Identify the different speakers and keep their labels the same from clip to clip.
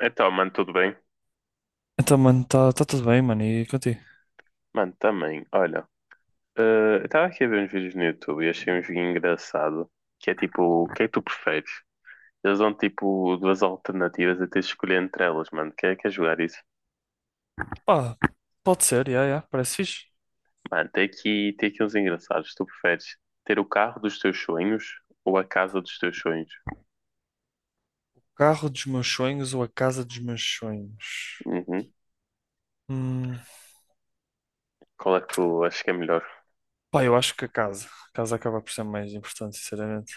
Speaker 1: Então, mano, tudo bem?
Speaker 2: Então, mano, está tá tá tudo bem, mano, e contigo?
Speaker 1: Mano, também, olha, eh, eu estava aqui a ver uns vídeos no YouTube e achei um joguinho engraçado, que é tipo, o que é que tu preferes? Eles dão tipo duas alternativas a teres de escolher entre elas, mano, quer jogar isso?
Speaker 2: Pá, pode ser, yeah, yeah, parece fixe.
Speaker 1: Mano, tem aqui uns engraçados, tu preferes ter o carro dos teus sonhos ou a casa dos teus sonhos?
Speaker 2: O carro dos meus sonhos ou a casa dos meus sonhos?
Speaker 1: Uhum.
Speaker 2: Hum,
Speaker 1: Qual é que tu achas que é melhor?
Speaker 2: pá, eu acho que a casa. A casa acaba por ser mais importante, sinceramente.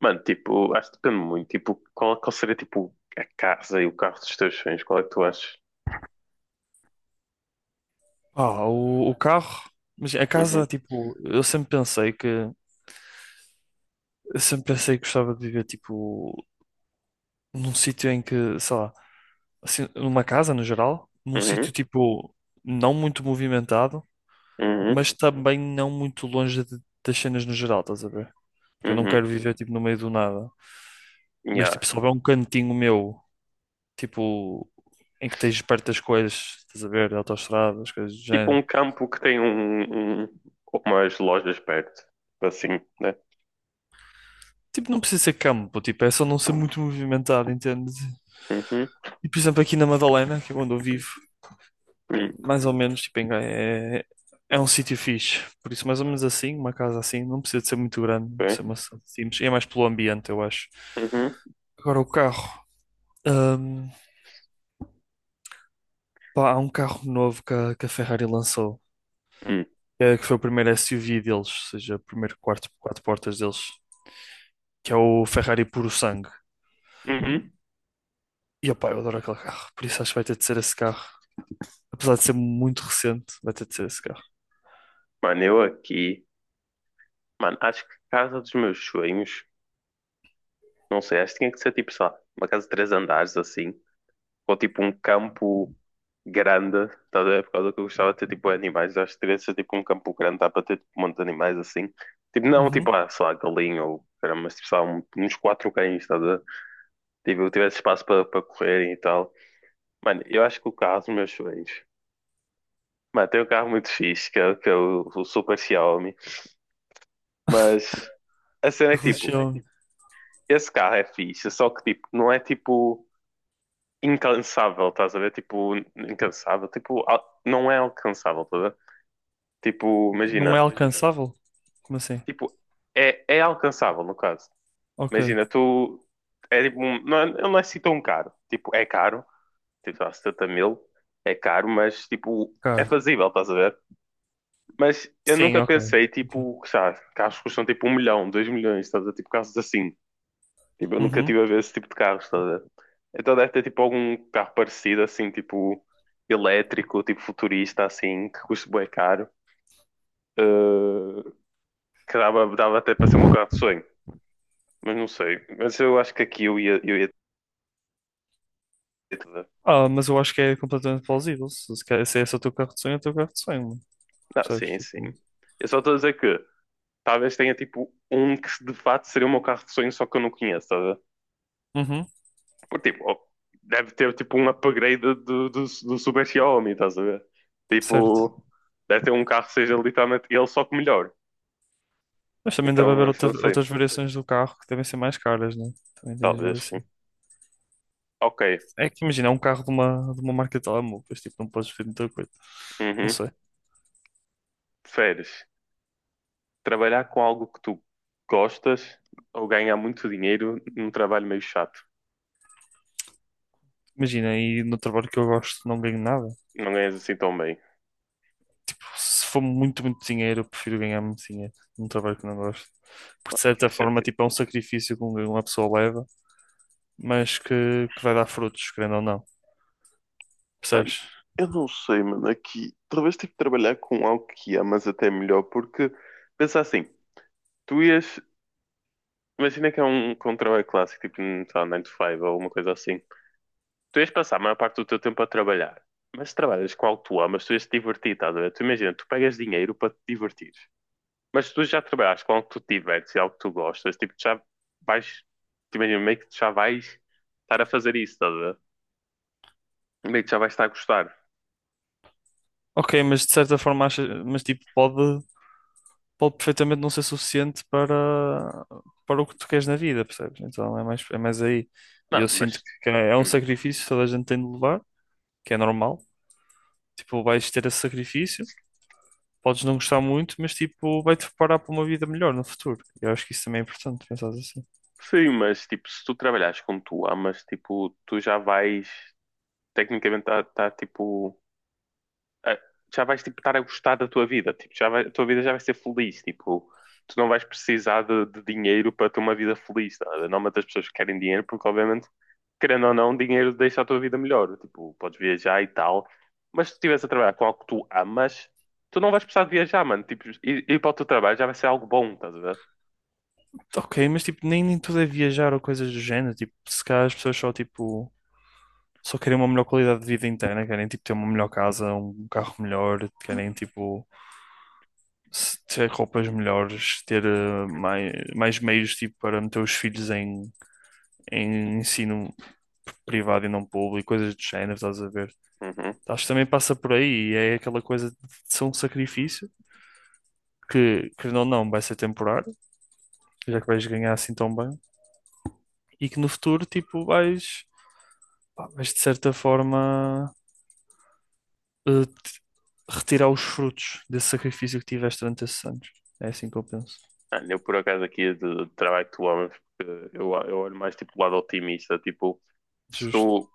Speaker 1: Mano, tipo, acho que depende muito, tipo, qual seria tipo a casa e o carro dos teus sonhos? Qual é que tu achas?
Speaker 2: Pá, o carro, mas a
Speaker 1: Uhum,
Speaker 2: casa, tipo, eu sempre pensei que eu sempre pensei que gostava de viver, tipo, num sítio em que, sei lá, assim, numa casa no geral, num
Speaker 1: uhum,
Speaker 2: sítio, tipo, não muito movimentado,
Speaker 1: uhum,
Speaker 2: mas também não muito longe de- das cenas no geral, estás a ver? Porque eu não
Speaker 1: uhum.
Speaker 2: quero viver, tipo, no meio do nada. Mas,
Speaker 1: Yeah.
Speaker 2: tipo, se houver um cantinho meu, tipo, em que tens perto das coisas, estás a ver, autoestradas, coisas do
Speaker 1: Tipo
Speaker 2: género.
Speaker 1: um campo que tem umas lojas perto. Assim, né?
Speaker 2: Tipo, não precisa ser campo, tipo, é só não ser muito movimentado, entendes?
Speaker 1: Uhum.
Speaker 2: E, por exemplo, aqui na Madalena, que é onde eu vivo,
Speaker 1: Hum.
Speaker 2: mais ou menos, tipo, em Gaia é, é um sítio fixe. Por isso, mais ou menos assim, uma casa assim, não precisa de ser muito grande, precisa
Speaker 1: Bem.
Speaker 2: ser uma cidade simples. É mais pelo ambiente, eu acho.
Speaker 1: Uhum.
Speaker 2: Agora, o carro. Hum, pá, há um carro novo que a Ferrari lançou,
Speaker 1: Hum.
Speaker 2: é, que foi o primeiro SUV deles, ou seja, o primeiro quarto, quatro portas deles, que é o Ferrari Puro Sangue.
Speaker 1: Uhum.
Speaker 2: E, opá, eu adoro aquele carro, por isso acho que vai ter de ser esse carro. Apesar de ser muito recente, vai ter de ser esse carro.
Speaker 1: Mano, eu aqui. Mano, acho que a casa dos meus sonhos. Não sei, acho que tinha que ser tipo, sei lá, uma casa de três andares assim. Ou tipo um campo grande. Tá, a ver? Por causa que eu gostava de ter tipo animais. Acho que teria de ser tipo um campo grande. Dá para ter tipo, um monte de animais assim. Tipo, não tipo,
Speaker 2: Uhum.
Speaker 1: ah, sei lá, galinha ou. Caramba, mas tipo, sei lá, uns quatro cães, tá? A ver? Tipo, eu tivesse espaço para correrem e tal. Mano, eu acho que o carro dos meus sonhos. Mano, tem um carro muito fixe, que é o Super Xiaomi. Mas a cena
Speaker 2: A
Speaker 1: é que, tipo,
Speaker 2: religião
Speaker 1: esse carro é fixe, só que, tipo, não é, tipo, incansável, estás a ver? Tipo, incansável. Tipo, não é alcançável, estás a ver? Tipo,
Speaker 2: não
Speaker 1: imagina.
Speaker 2: é alcançável? Como assim?
Speaker 1: Tipo, é alcançável, no caso.
Speaker 2: Ok,
Speaker 1: Imagina, tu. É tipo, não, não é assim tão caro. Tipo, é caro. Tipo, dá 70 mil. É caro, mas, tipo, é
Speaker 2: claro.
Speaker 1: fazível, estás a ver? Mas eu
Speaker 2: Sim,
Speaker 1: nunca
Speaker 2: ok.
Speaker 1: pensei,
Speaker 2: Ok.
Speaker 1: tipo, sabe, carros que custam tipo um milhão, dois milhões, estás a ver? Tipo, carros assim. Tipo, eu nunca
Speaker 2: Uhum.
Speaker 1: tive a ver esse tipo de carros, estás a ver? Então deve ter tipo algum carro parecido, assim, tipo, elétrico, tipo futurista, assim, que custa bué caro. eh, que dava até para ser o meu carro de sonho. Mas não sei. Mas eu acho que aqui eu ia ter tudo.
Speaker 2: Ah, mas eu acho que é completamente plausível. Se esse é o teu carro de sonho, é o teu carro de sonho, mano.
Speaker 1: Não,
Speaker 2: Percebes?
Speaker 1: sim, sim.
Speaker 2: Tipo...
Speaker 1: Eu só estou a dizer que talvez tenha tipo um que de fato seria o meu carro de sonho, só que eu não conheço, estás.
Speaker 2: Uhum.
Speaker 1: Porque, tipo, deve ter tipo um upgrade do Super Xiaomi, estás a ver?
Speaker 2: Certo.
Speaker 1: Tipo, deve ter um carro que seja literalmente ele só que melhor.
Speaker 2: Mas também deve
Speaker 1: Então,
Speaker 2: haver
Speaker 1: eu
Speaker 2: outra-
Speaker 1: só sei,
Speaker 2: outras variações do carro que devem ser mais caras, né? Também tens de ver
Speaker 1: talvez sim.
Speaker 2: assim.
Speaker 1: Ok.
Speaker 2: É que imagina, é um carro de uma marca de telemóveis, tipo, não podes ver muita coisa. Não
Speaker 1: Uhum.
Speaker 2: sei.
Speaker 1: Preferes trabalhar com algo que tu gostas ou ganhar muito dinheiro num trabalho meio chato?
Speaker 2: Imagina, e no trabalho que eu gosto não ganho nada.
Speaker 1: Não ganhas assim tão bem.
Speaker 2: Se for muito, muito dinheiro, eu prefiro ganhar muito dinheiro num trabalho que não gosto. Porque de
Speaker 1: Mano,
Speaker 2: certa
Speaker 1: faz
Speaker 2: forma,
Speaker 1: sentido.
Speaker 2: tipo, é um sacrifício que uma pessoa leva, mas que vai dar frutos, querendo ou não.
Speaker 1: Mano,
Speaker 2: Percebes?
Speaker 1: eu não sei, mano. Aqui, talvez tive que trabalhar com algo que amas até melhor, porque pensa assim, tu ias. Imagina que é um que um trabalho clássico, tipo, sei lá, 9 to 5 ou uma coisa assim. Tu ias passar a maior parte do teu tempo a trabalhar, mas trabalhas com algo que tu amas, tu ias te divertir, estás a ver? Tu imagina, tu pegas dinheiro para te divertir, mas se tu já trabalhas com algo que tu te divertes e algo que tu gostas, tipo, tu já vais, tu imagina, meio que tu já vais estar a fazer isso, estás a ver? Meio que já vais estar a gostar.
Speaker 2: Ok, mas de certa forma, acha, mas tipo, pode, pode perfeitamente não ser suficiente para, para o que tu queres na vida, percebes? Então é mais aí. E
Speaker 1: Não,
Speaker 2: eu sinto
Speaker 1: mas,
Speaker 2: que é um
Speaker 1: hum,
Speaker 2: sacrifício que toda a gente tem de levar. Que é normal. Tipo, vais ter esse sacrifício, podes não gostar muito, mas tipo, vai-te preparar para uma vida melhor no futuro. Eu acho que isso também é importante, pensar assim.
Speaker 1: sim, mas, tipo, se tu trabalhares com o que tu amas, tipo, tu já vais, tecnicamente, estar, tá, tá, tipo, ah, já vais tipo, estar a gostar da tua vida, tipo, a tua vida já vai ser feliz, tipo, tu não vais precisar de dinheiro para ter uma vida feliz, tá? Não matas as pessoas que querem dinheiro, porque obviamente, querendo ou não, dinheiro deixa a tua vida melhor, tipo, podes viajar e tal, mas se tu estiveres a trabalhar com algo que tu amas, tu não vais precisar de viajar, mano, tipo, ir para o teu trabalho já vai ser algo bom, estás a ver?
Speaker 2: Ok, mas tipo, nem, nem tudo é viajar ou coisas do género. Tipo, se calhar as pessoas só tipo, só querem uma melhor qualidade de vida interna, querem tipo ter uma melhor casa, um carro melhor, querem tipo se- ter roupas melhores, ter mai- mais, meios tipo, para meter os filhos em, em ensino privado e não público, coisas do género, estás a ver?
Speaker 1: Uhum.
Speaker 2: Acho que também passa por aí e é aquela coisa de ser um sacrifício que não, não, vai ser temporário, já que vais ganhar assim tão bem, e que no futuro, tipo, vais, pá, vais de certa forma te- retirar os frutos desse sacrifício que tiveste durante esses anos. É assim que eu penso.
Speaker 1: Mano, eu por acaso aqui de trabalho que tu amas, porque eu olho mais tipo o lado otimista, tipo, se
Speaker 2: Justo.
Speaker 1: tu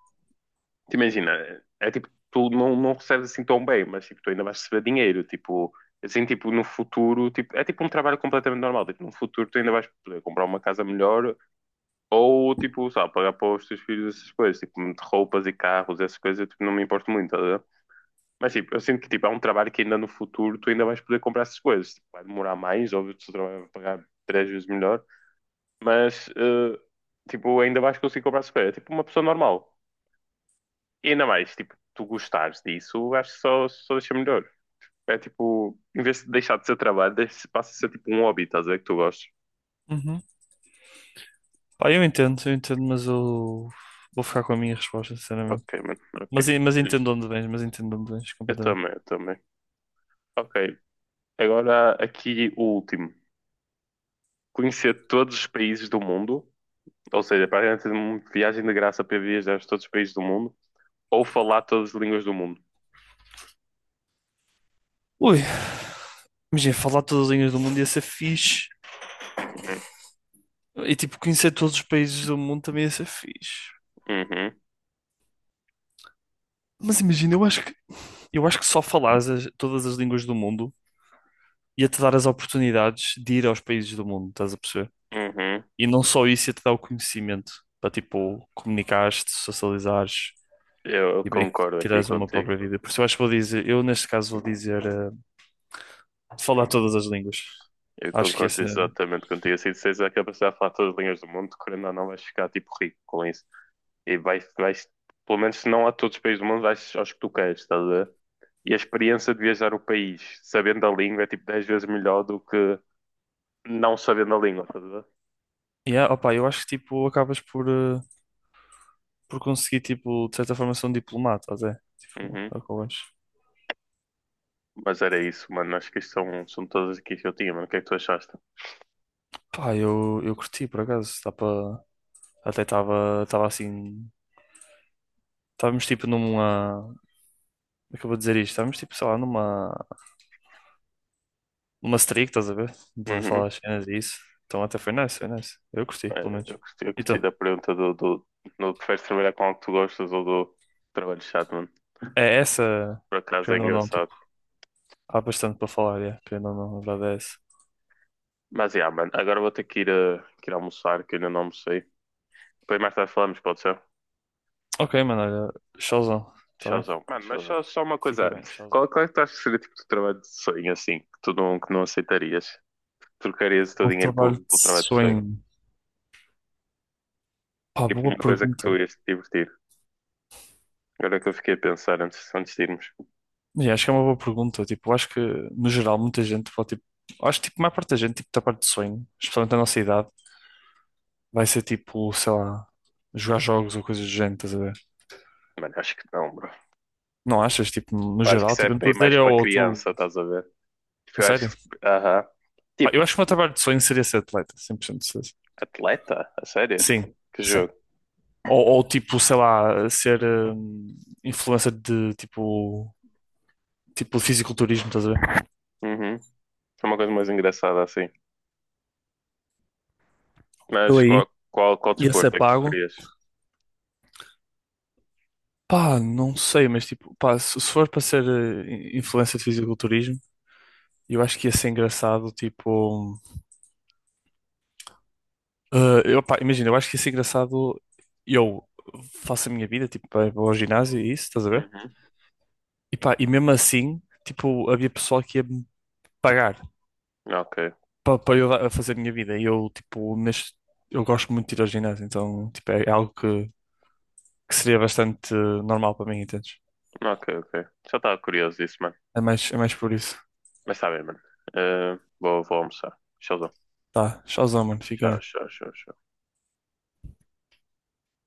Speaker 1: te imagina, é tipo, tu não recebes assim tão bem, mas tipo, tu ainda vais receber dinheiro, tipo, assim, tipo, no futuro, tipo, é tipo um trabalho completamente normal, tipo, no futuro tu ainda vais poder comprar uma casa melhor ou, tipo, sabe, pagar para os teus filhos essas coisas, tipo, de roupas e carros, essas coisas, eu, tipo, não me importo muito, tá a ver? Mas, tipo, eu sinto que, tipo, é um trabalho que ainda no futuro tu ainda vais poder comprar essas coisas, tipo, vai demorar mais, óbvio, que o teu trabalho vai pagar três vezes melhor, mas, tipo, ainda vais conseguir comprar essas coisas, é tipo uma pessoa normal. E ainda mais, tipo, tu gostares disso, acho que só deixa melhor. É tipo, em vez de deixar de ser trabalho, passa a ser tipo um hobby, estás a ver que tu gostas.
Speaker 2: Uhum. Pá, eu entendo, mas eu vou ficar com a minha resposta, sinceramente.
Speaker 1: Ok, mano, ok.
Speaker 2: Mas, en- mas
Speaker 1: Justo.
Speaker 2: entendo onde vens, mas entendo onde vens
Speaker 1: Eu
Speaker 2: completamente.
Speaker 1: também, eu também. Ok, agora aqui o último. Conhecer todos os países do mundo, ou seja, para praticamente uma viagem de graça para viajar a todos os países do mundo, ou falar todas as línguas do mundo.
Speaker 2: Ui, imagina, falar todas as línguas do mundo ia ser fixe.
Speaker 1: Uhum.
Speaker 2: E tipo, conhecer todos os países do mundo também ia ser fixe.
Speaker 1: Uhum.
Speaker 2: Mas imagina, eu acho que só falares as- todas as línguas do mundo ia-te dar as oportunidades de ir aos países do mundo, estás a perceber?
Speaker 1: Uhum.
Speaker 2: E não só isso, ia-te dar o conhecimento para tipo, comunicares-te, socializares
Speaker 1: Eu
Speaker 2: e meio que
Speaker 1: concordo aqui
Speaker 2: tirares uma
Speaker 1: contigo.
Speaker 2: própria vida. Por isso eu acho que vou dizer, eu neste caso vou dizer falar todas as línguas.
Speaker 1: Eu
Speaker 2: Acho que
Speaker 1: concordo
Speaker 2: esse é.
Speaker 1: exatamente contigo. Assim, se és a capacidade de falar todas as línguas do mundo, querendo ou não, vais ficar tipo rico com isso. E vais, pelo menos se não a todos os países do mundo, vais aos que tu queres, estás a ver? E a experiência de viajar o país sabendo a língua é tipo 10 vezes melhor do que não sabendo a língua, estás a ver?
Speaker 2: Yeah, opa, eu acho que tipo acabas por, por conseguir tipo de certa forma ser um diplomata até. Tipo,
Speaker 1: Uhum.
Speaker 2: é o que eu acho.
Speaker 1: Mas era isso, mano. Acho que isto são todas aqui que eu tinha, mano. O que é que tu achaste?
Speaker 2: Pá, eu curti por acaso. Dá pra... Até estava assim. Estávamos tipo numa. Acabou de dizer isto. Estávamos tipo, sei lá, numa uma streak, estás a ver? De
Speaker 1: Uhum.
Speaker 2: falar as cenas e isso. Então até foi nice, foi nice. Eu curti, pelo
Speaker 1: Eh, Eu
Speaker 2: menos.
Speaker 1: gostei, eu gostei
Speaker 2: Então,
Speaker 1: da pergunta do preferes trabalhar com algo que tu gostas ou do trabalho chato, mano.
Speaker 2: é essa,
Speaker 1: Por acaso é
Speaker 2: querendo ou não,
Speaker 1: engraçado.
Speaker 2: tipo, há bastante para falar, é, querendo ou não, a verdade é essa.
Speaker 1: Mas yeah, mano, agora vou ter que ir, que ir almoçar, que ainda não almocei. Depois mais tarde falamos, pode ser?
Speaker 2: Ok, mano, olha, showzão, tá bem?
Speaker 1: Tchauzão. Mano, mas tchauzão. Só uma coisa
Speaker 2: Fica bem,
Speaker 1: antes.
Speaker 2: showzão.
Speaker 1: Qual é que tu achas que seria o tipo de trabalho de sonho, assim, que não aceitarias? Trocarias o teu
Speaker 2: Bom
Speaker 1: dinheiro
Speaker 2: trabalho
Speaker 1: por,
Speaker 2: de
Speaker 1: pelo trabalho de sonho?
Speaker 2: sonho. Pá,
Speaker 1: Tipo,
Speaker 2: boa
Speaker 1: uma coisa que tu
Speaker 2: pergunta.
Speaker 1: ias te divertir. Agora que eu fiquei a pensar antes de irmos.
Speaker 2: Yeah, acho que é uma boa pergunta. Tipo, acho que, no geral, muita gente pode, tipo, acho que, tipo, a maior parte da gente, tipo, da parte de sonho, especialmente da nossa idade, vai ser, tipo, sei lá, jogar jogos ou coisas do género, estás a ver?
Speaker 1: Mano, acho que não, bro.
Speaker 2: Não achas? Tipo, no
Speaker 1: Eu acho que
Speaker 2: geral,
Speaker 1: isso é
Speaker 2: tipo, eu não estou
Speaker 1: bem
Speaker 2: a dizer
Speaker 1: mais
Speaker 2: eu
Speaker 1: para
Speaker 2: ou tu.
Speaker 1: criança, estás a ver? Tipo,
Speaker 2: A
Speaker 1: eu acho
Speaker 2: sério?
Speaker 1: que... Aham.
Speaker 2: Pá,
Speaker 1: Tipo,
Speaker 2: eu acho que o meu trabalho de sonho seria ser atleta, 100% de certeza.
Speaker 1: atleta? A sério?
Speaker 2: Sim,
Speaker 1: Que
Speaker 2: sim.
Speaker 1: jogo?
Speaker 2: Ou, tipo, sei lá, ser influencer de tipo, tipo fisiculturismo, estás a ver?
Speaker 1: Uhum. É uma coisa mais engraçada, assim.
Speaker 2: Eu
Speaker 1: Mas
Speaker 2: aí
Speaker 1: qual
Speaker 2: ia ser
Speaker 1: desporto é que tu
Speaker 2: pago.
Speaker 1: querias?
Speaker 2: Pá, não sei, mas tipo, pá, se for para ser influencer de fisiculturismo, eu acho que ia ser engraçado, tipo, eh, eu, pá, imagina, eu acho que ia ser engraçado eu faço a minha vida, tipo, vou ao ginásio e isso, estás a ver?
Speaker 1: Uhum.
Speaker 2: E pá, e mesmo assim, tipo, havia pessoal que ia me pagar
Speaker 1: Ok,
Speaker 2: para eu dar- a fazer a minha vida. E eu, tipo, neste, eu gosto muito de ir ao ginásio, então, tipo, é algo que seria bastante normal para mim, entendes?
Speaker 1: ok, ok. Já estava curioso disso, mano.
Speaker 2: É mais por isso.
Speaker 1: Mas está bem, mano. Vou almoçar. Tchauzão.
Speaker 2: Tá, tchauzão, mano, fica
Speaker 1: Tchau,
Speaker 2: bem.
Speaker 1: tchau, tchau. Tchau.